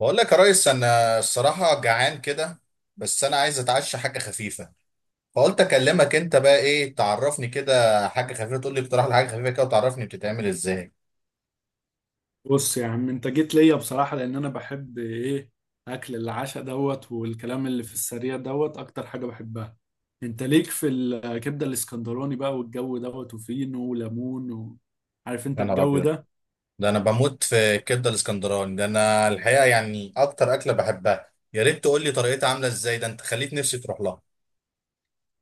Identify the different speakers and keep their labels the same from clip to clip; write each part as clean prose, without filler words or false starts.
Speaker 1: بقول لك يا ريس، انا الصراحه جعان كده. بس انا عايز اتعشى حاجه خفيفه. فقلت اكلمك انت بقى، ايه تعرفني كده حاجه خفيفه، تقول لي اقتراح لحاجه خفيفه كده وتعرفني بتتعمل ازاي.
Speaker 2: بص يا عم، انت جيت ليا بصراحة لان انا بحب ايه اكل العشاء دوت والكلام اللي في السريع دوت اكتر حاجة بحبها. انت ليك في الكبدة الاسكندراني بقى والجو دوت وفينو وليمون و عارف انت
Speaker 1: يا نهار
Speaker 2: الجو
Speaker 1: ابيض!
Speaker 2: ده.
Speaker 1: ده انا بموت في الكبده الاسكندراني، ده انا الحقيقه يعني اكتر اكله بحبها. يا ريت تقول لي طريقتها عامله ازاي، ده انت خليت نفسي تروح لها.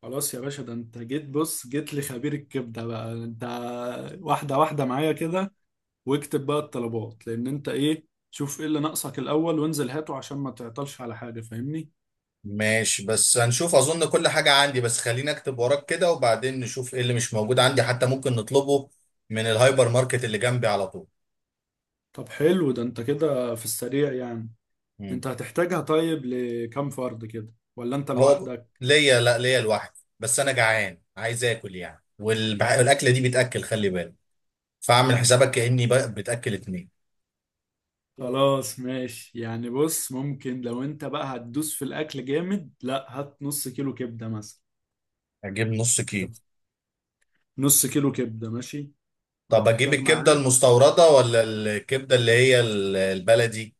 Speaker 2: خلاص يا باشا، ده انت جيت، بص جيت لخبير الكبدة بقى انت. واحدة واحدة معايا كده، واكتب بقى الطلبات لان انت ايه، شوف ايه اللي ناقصك الاول وانزل هاته عشان ما تعطلش على حاجة، فاهمني؟
Speaker 1: ماشي، بس هنشوف، اظن كل حاجه عندي. بس خليني اكتب وراك كده وبعدين نشوف ايه اللي مش موجود عندي حتى ممكن نطلبه من الهايبر ماركت اللي جنبي على طول.
Speaker 2: طب حلو، ده انت كده في السريع يعني. انت هتحتاجها طيب لكم فرد كده؟ ولا انت
Speaker 1: هو
Speaker 2: لوحدك؟
Speaker 1: ليا، لا ليا لوحدي، بس انا جعان عايز اكل يعني. والاكله دي بتاكل خلي بالك. فاعمل حسابك كاني بتاكل اتنين.
Speaker 2: خلاص ماشي يعني، بص، ممكن لو انت بقى هتدوس في الاكل جامد، لا هات نص كيلو كبدة مثلا.
Speaker 1: اجيب نص كيلو؟
Speaker 2: نص كيلو كبدة ماشي،
Speaker 1: طب اجيب
Speaker 2: وهتحتاج
Speaker 1: الكبده
Speaker 2: معاه.
Speaker 1: المستورده ولا الكبده اللي هي البلدي؟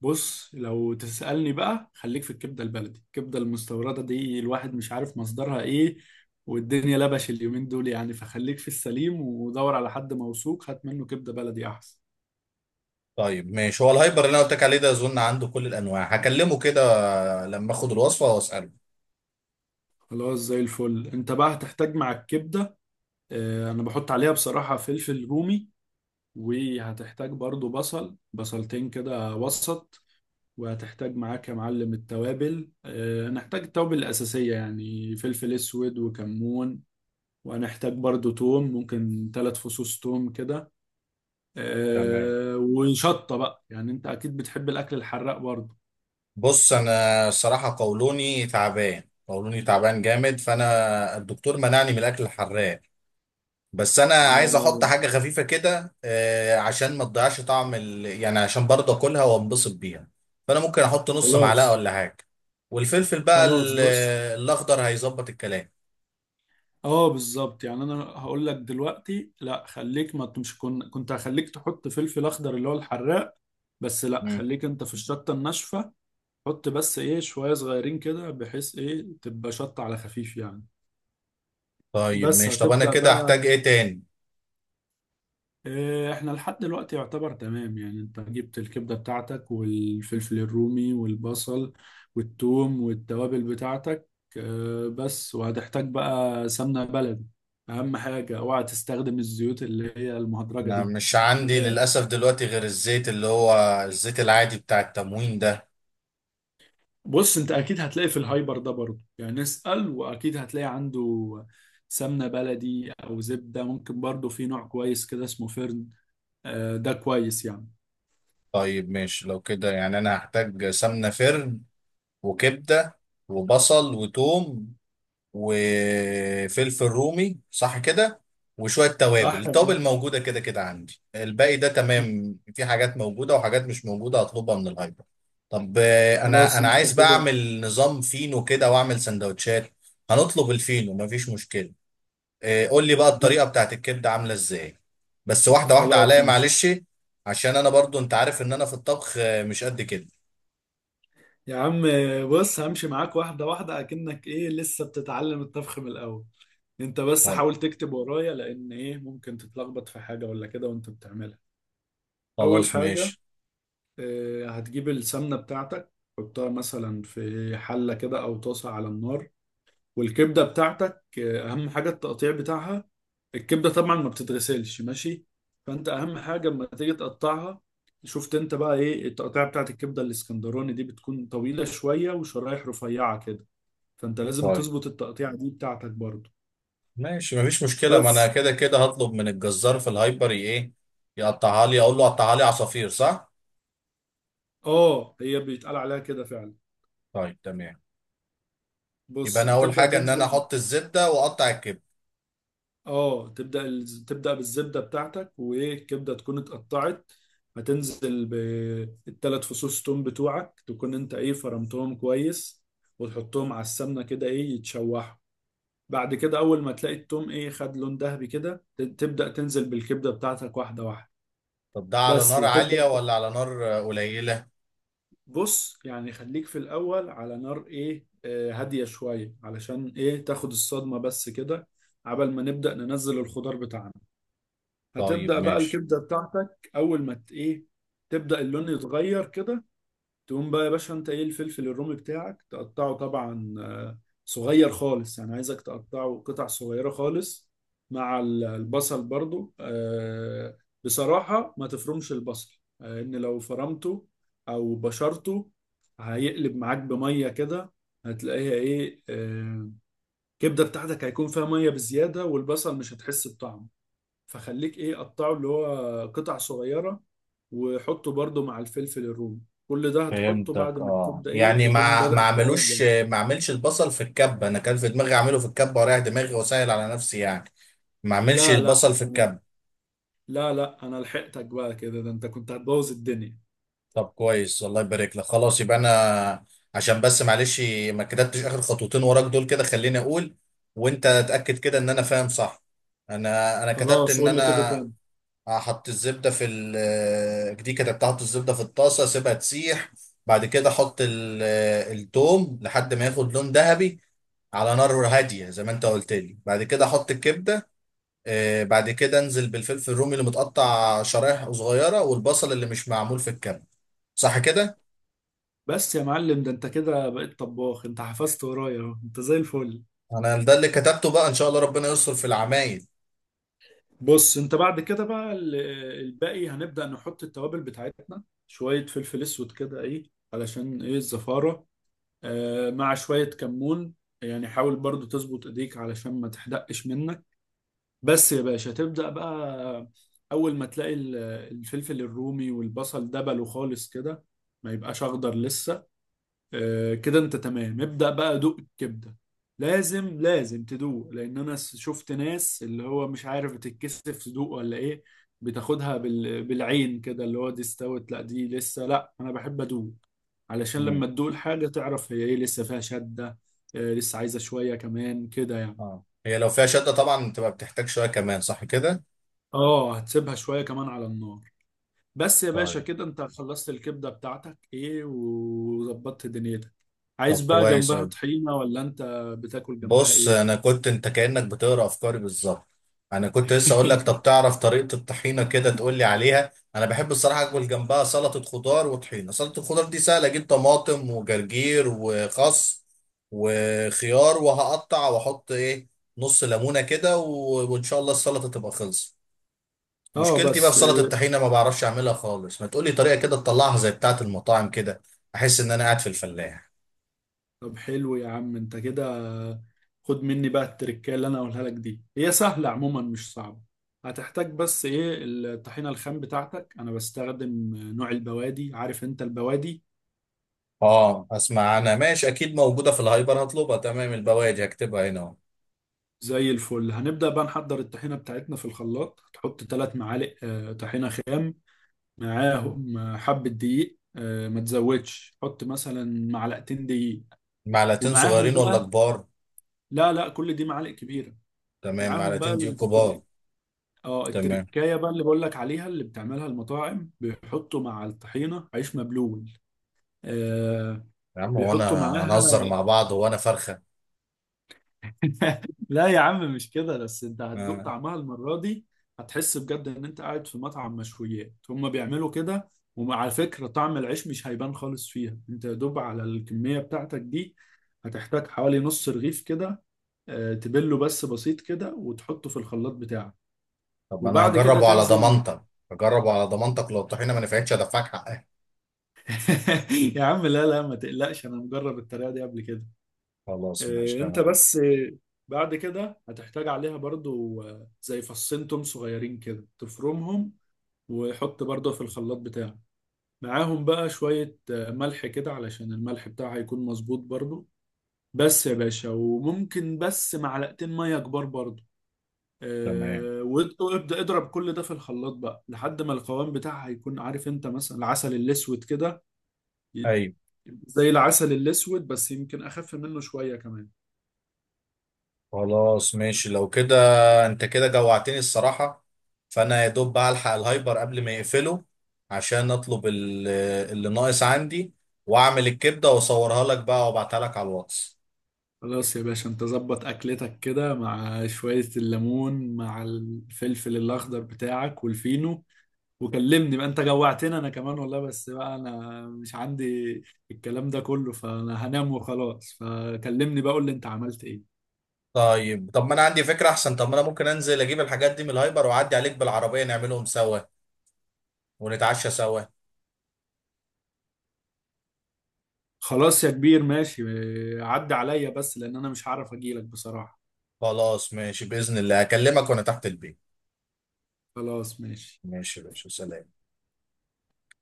Speaker 2: بص لو تسألني بقى، خليك في الكبدة البلدي، الكبدة المستوردة دي الواحد مش عارف مصدرها ايه، والدنيا لبش اليومين دول يعني، فخليك في السليم ودور على حد موثوق هات منه كبدة بلدي احسن.
Speaker 1: طيب ماشي، هو الهايبر اللي انا قلت لك عليه ده اظن عنده كل الانواع. هكلمه كده لما اخد الوصفه واساله.
Speaker 2: خلاص، زي الفل. انت بقى هتحتاج مع الكبدة، انا بحط عليها بصراحة فلفل رومي، وهتحتاج برضو بصل، بصلتين كده وسط. وهتحتاج معاك يا معلم التوابل، هنحتاج التوابل الأساسية يعني فلفل أسود وكمون. وهنحتاج برضو توم، ممكن 3 فصوص توم كده.
Speaker 1: تمام.
Speaker 2: وشطة بقى، يعني أنت أكيد بتحب الأكل الحراق برضو.
Speaker 1: بص انا الصراحه قولوني تعبان، قولوني تعبان جامد، فانا الدكتور منعني من الاكل الحراق. بس انا عايز احط
Speaker 2: آه.
Speaker 1: حاجه خفيفه كده، عشان ما تضيعش طعم يعني عشان برضه اكلها وانبسط بيها. فانا ممكن احط نص معلقه
Speaker 2: خلاص.
Speaker 1: ولا حاجه. والفلفل بقى
Speaker 2: خلاص. بص،
Speaker 1: الاخضر هيظبط الكلام.
Speaker 2: اه بالظبط. يعني انا هقول لك دلوقتي، لا خليك، ما مش كن... كنت هخليك تحط فلفل اخضر اللي هو الحراق، بس لا،
Speaker 1: مم.
Speaker 2: خليك انت في الشطه الناشفه. حط بس ايه شويه صغيرين كده، بحيث ايه تبقى شطه على خفيف يعني.
Speaker 1: طيب
Speaker 2: بس
Speaker 1: ماشي، طب انا
Speaker 2: هتبدا
Speaker 1: كده احتاج
Speaker 2: بقى.
Speaker 1: ايه تاني؟
Speaker 2: احنا لحد دلوقتي يعتبر تمام، يعني انت جبت الكبدة بتاعتك والفلفل الرومي والبصل والثوم والتوابل بتاعتك. بس وهتحتاج بقى سمنة بلدي، اهم حاجة اوعى تستخدم الزيوت اللي هي المهدرجة
Speaker 1: انا
Speaker 2: دي.
Speaker 1: مش عندي
Speaker 2: تمام.
Speaker 1: للاسف دلوقتي غير الزيت اللي هو الزيت العادي بتاع التموين ده.
Speaker 2: بص انت اكيد هتلاقي في الهايبر ده برضه، يعني اسأل واكيد هتلاقي عنده سمنة بلدي او زبدة. ممكن برضه في نوع كويس كده اسمه فرن، ده كويس يعني.
Speaker 1: طيب ماشي، لو كده يعني انا هحتاج سمنه فرن، وكبده، وبصل، وتوم، وفلفل رومي، صح كده؟ وشوية توابل،
Speaker 2: صح ولا؟
Speaker 1: التوابل موجودة كده كده عندي. الباقي ده تمام، في حاجات موجودة وحاجات مش موجودة هطلبها من الهايبر. طب انا
Speaker 2: خلاص
Speaker 1: انا
Speaker 2: انت
Speaker 1: عايز بقى
Speaker 2: كده.
Speaker 1: اعمل نظام فينو كده واعمل سندوتشات. هنطلب الفينو مفيش مشكلة. قول لي بقى الطريقة بتاعت الكبدة عاملة ازاي، بس واحدة واحدة
Speaker 2: خلاص
Speaker 1: عليا
Speaker 2: ماشي.
Speaker 1: معلش. عشان انا برضو انت عارف ان انا في الطبخ مش قد كده.
Speaker 2: يا عم بص، همشي معاك واحدة واحدة أكنك إيه لسه بتتعلم الطبخ من الأول. أنت بس
Speaker 1: طب
Speaker 2: حاول تكتب ورايا، لأن إيه ممكن تتلخبط في حاجة ولا كده وأنت بتعملها. أول
Speaker 1: خلاص
Speaker 2: حاجة،
Speaker 1: ماشي.
Speaker 2: هتجيب السمنة بتاعتك، حطها مثلا في حلة كده أو طاسة على النار. والكبده بتاعتك، اهم حاجه التقطيع بتاعها. الكبده طبعا ما بتتغسلش، ماشي؟ فانت اهم حاجه لما تيجي تقطعها، شفت انت بقى ايه التقطيع بتاعت الكبده الاسكندراني دي؟ بتكون طويله شويه وشرايح رفيعه كده، فانت لازم
Speaker 1: طيب
Speaker 2: تظبط التقطيع دي بتاعتك برضو.
Speaker 1: ماشي مفيش مشكلة، ما انا
Speaker 2: بس.
Speaker 1: كده كده هطلب من الجزار في الهايبر ايه، يقطعها لي، اقول له قطعها لي عصافير، صح؟
Speaker 2: اه هي بيتقال عليها كده فعلا.
Speaker 1: طيب تمام. يبقى
Speaker 2: بص
Speaker 1: انا اول
Speaker 2: هتبدا
Speaker 1: حاجة ان انا
Speaker 2: تنزل.
Speaker 1: احط الزبدة واقطع الكبد.
Speaker 2: اه تبدأ تبدأ بالزبدة بتاعتك، وايه الكبدة تكون اتقطعت. هتنزل بالثلاث فصوص توم بتوعك، تكون انت ايه فرمتهم كويس، وتحطهم على السمنة كده ايه يتشوحوا. بعد كده اول ما تلاقي التوم ايه خد لون ذهبي كده، تبدأ تنزل بالكبدة بتاعتك واحدة واحدة.
Speaker 1: طب ده على
Speaker 2: بس،
Speaker 1: نار
Speaker 2: وتبدأ.
Speaker 1: عالية ولا على نار قليلة؟
Speaker 2: بص يعني خليك في الاول على نار ايه، هادية شوية علشان ايه تاخد الصدمة بس كده، عبل ما نبدأ ننزل الخضار بتاعنا.
Speaker 1: طيب
Speaker 2: هتبدأ بقى
Speaker 1: ماشي.
Speaker 2: الكبدة بتاعتك أول ما إيه، تبدأ اللون يتغير كده. تقوم بقى يا باشا أنت إيه الفلفل الرومي بتاعك تقطعه، طبعا صغير خالص، يعني عايزك تقطعه قطع صغيرة خالص، مع البصل برضو. بصراحة ما تفرمش البصل، إن لو فرمته أو بشرته هيقلب معاك بمية كده. هتلاقيها إيه الكبدة بتاعتك هيكون فيها مية بزيادة، والبصل مش هتحس بطعمه، فخليك ايه قطعه اللي هو قطع صغيرة، وحطه برضو مع الفلفل الرومي. كل ده هتحطه بعد
Speaker 1: فهمتك،
Speaker 2: ما تبدأ ايه
Speaker 1: يعني
Speaker 2: تكون
Speaker 1: ما ما
Speaker 2: بدأت تغير.
Speaker 1: اعملوش ما اعملش البصل في الكبة. انا كان في دماغي اعمله في الكبة واريح دماغي واسهل على نفسي يعني، ما اعملش
Speaker 2: لا لا
Speaker 1: البصل في
Speaker 2: أنا-
Speaker 1: الكبة.
Speaker 2: لا لا انا لحقتك بقى كده، ده انت كنت هتبوظ الدنيا.
Speaker 1: طب كويس الله يبارك لك. خلاص يبقى انا، عشان بس معلش ما كتبتش اخر خطوتين وراك دول كده، خليني اقول وانت اتاكد كده ان انا فاهم صح. انا كتبت
Speaker 2: خلاص
Speaker 1: ان
Speaker 2: قول لي كده
Speaker 1: انا
Speaker 2: تاني.
Speaker 1: احط الزبده في دي، كتبت احط الزبده في الطاسه اسيبها تسيح. بعد كده احط التوم لحد ما ياخد لون ذهبي على نار هاديه زي ما انت قلت لي. بعد كده احط الكبده. بعد كده انزل بالفلفل الرومي اللي متقطع شرايح صغيره والبصل اللي مش معمول في الكبه، صح كده؟
Speaker 2: بس يا معلم، ده انت كده بقيت طباخ، انت حفظت ورايا اهو، انت زي الفل.
Speaker 1: انا ده اللي كتبته بقى، ان شاء الله ربنا يستر في العمايل.
Speaker 2: بص انت بعد كده بقى الباقي هنبدأ نحط التوابل بتاعتنا، شوية فلفل اسود كده ايه علشان ايه الزفارة، مع شوية كمون، يعني حاول برضو تظبط ايديك علشان ما تحدقش منك. بس يا باشا تبدأ بقى، اول ما تلاقي الفلفل الرومي والبصل دبلوا خالص كده، ما يبقاش اخضر لسه. كده انت تمام، ابدأ بقى دوق الكبدة. لازم لازم تدوق، لان انا شفت ناس اللي هو مش عارف بتتكسف تدوق ولا ايه، بتاخدها بالعين كده، اللي هو دي استوت لا دي لسه، لا انا بحب ادوق علشان
Speaker 1: امم.
Speaker 2: لما تدوق الحاجة تعرف هي ايه لسه فيها شدة. لسه عايزة شوية كمان كده يعني.
Speaker 1: اه، هي لو فيها شده طبعا بتبقى بتحتاج شويه كمان، صح كده؟
Speaker 2: اه هتسيبها شوية كمان على النار. بس يا باشا
Speaker 1: طيب.
Speaker 2: كده انت خلصت الكبدة بتاعتك ايه وظبطت دنيتك. عايز
Speaker 1: طب
Speaker 2: بقى
Speaker 1: كويس
Speaker 2: جنبها
Speaker 1: قوي.
Speaker 2: طحينة ولا انت بتاكل جنبها
Speaker 1: بص
Speaker 2: ايه؟
Speaker 1: انا كنت، انت كانك بتقرا افكاري بالظبط. انا كنت لسه اقول لك، طب تعرف طريقه الطحينه كده تقول لي عليها. انا بحب الصراحه اكل جنبها سلطه خضار وطحينه. سلطه الخضار دي سهله، اجيب طماطم وجرجير وخس وخيار وهقطع واحط ايه، نص ليمونه كده وان شاء الله السلطه تبقى خلصت.
Speaker 2: اه
Speaker 1: مشكلتي بقى في
Speaker 2: بس.
Speaker 1: سلطه الطحينه، ما بعرفش اعملها خالص. ما تقولي طريقه كده تطلعها زي بتاعه المطاعم كده، احس ان انا قاعد في الفلاح.
Speaker 2: طب حلو يا عم، انت كده خد مني بقى التركية اللي انا اقولها لك دي، هي سهلة عموما مش صعبة. هتحتاج بس ايه الطحينة الخام بتاعتك، انا بستخدم نوع البوادي، عارف انت البوادي؟
Speaker 1: اه اسمع، انا ماشي اكيد موجوده في الهايبر هطلبها، تمام. البواجي هكتبها هنا اهو.
Speaker 2: زي الفل. هنبدأ بقى نحضر الطحينة بتاعتنا في الخلاط، هتحط 3 معالق طحينة خام، معاهم حبة دقيق، ما تزودش، حط مثلا معلقتين دقيق،
Speaker 1: معلقتين
Speaker 2: ومعاهم
Speaker 1: صغيرين ولا
Speaker 2: بقى.
Speaker 1: كبار؟
Speaker 2: لا لا كل دي معالق كبيرة.
Speaker 1: تمام،
Speaker 2: معاهم
Speaker 1: معلقتين دي
Speaker 2: بقى
Speaker 1: كبار.
Speaker 2: اه
Speaker 1: تمام.
Speaker 2: التركايه بقى اللي بقول لك عليها اللي بتعملها المطاعم، بيحطوا مع الطحينه عيش مبلول. آه.
Speaker 1: يا عم، هو
Speaker 2: بيحطوا
Speaker 1: انا
Speaker 2: معاها.
Speaker 1: هنهزر مع بعض؟ هو انا فرخه؟
Speaker 2: لا يا عم مش كده، بس انت هتدوق
Speaker 1: آه.
Speaker 2: طعمها المره دي، هتحس بجد ان انت قاعد في مطعم مشويات، هما بيعملوا كده. وعلى فكره طعم العيش مش هيبان خالص فيها، انت يا دوب على الكميه بتاعتك دي هتحتاج حوالي نص رغيف كده، تبله بس بسيط كده وتحطه في الخلاط بتاعك،
Speaker 1: طب انا
Speaker 2: وبعد كده
Speaker 1: هجربه على
Speaker 2: تنزل.
Speaker 1: ضمانتك. هجربه على ضمانتك، لو الطحينه ما نفعتش هدفعك حقها.
Speaker 2: يا عم لا لا ما تقلقش، انا مجرب الطريقه دي قبل كده.
Speaker 1: خلاص ماشي
Speaker 2: انت
Speaker 1: تمام.
Speaker 2: بس. بعد كده هتحتاج عليها برضو زي فصين توم صغيرين كده تفرمهم، وحط برضو في الخلاط بتاعك، معاهم بقى شويه ملح كده، علشان الملح بتاعها هيكون مظبوط برضو. بس يا باشا، وممكن بس معلقتين ميه كبار برضو،
Speaker 1: تمام،
Speaker 2: وابدا اضرب كل ده في الخلاط بقى لحد ما القوام بتاعها هيكون، عارف انت مثلا العسل الاسود كده؟
Speaker 1: ايوه.
Speaker 2: زي العسل الأسود، بس يمكن أخف منه شوية كمان.
Speaker 1: خلاص ماشي لو كده. انت كده جوعتني الصراحة. فانا يا دوب بقى الحق الهايبر قبل ما يقفله عشان اطلب اللي ناقص عندي، واعمل الكبدة واصورها لك بقى وابعتها لك على الواتس.
Speaker 2: خلاص يا باشا أنت ظبط أكلتك كده مع شوية الليمون مع الفلفل الأخضر بتاعك والفينو، وكلمني بقى، أنت جوعتني أنا كمان والله، بس بقى أنا مش عندي الكلام ده كله، فأنا هنام وخلاص، فكلمني بقى قول لي أنت عملت إيه.
Speaker 1: طيب. طب ما انا عندي فكرة احسن، طب ما انا ممكن انزل اجيب الحاجات دي من الهايبر واعدي عليك بالعربية، نعملهم سوا ونتعشى سوا.
Speaker 2: خلاص يا كبير ماشي، عدى عليا بس لأن أنا مش هعرف أجيلك بصراحة.
Speaker 1: خلاص ماشي، بإذن الله اكلمك وانا تحت البيت.
Speaker 2: خلاص ماشي.
Speaker 1: ماشي يا باشا، سلام.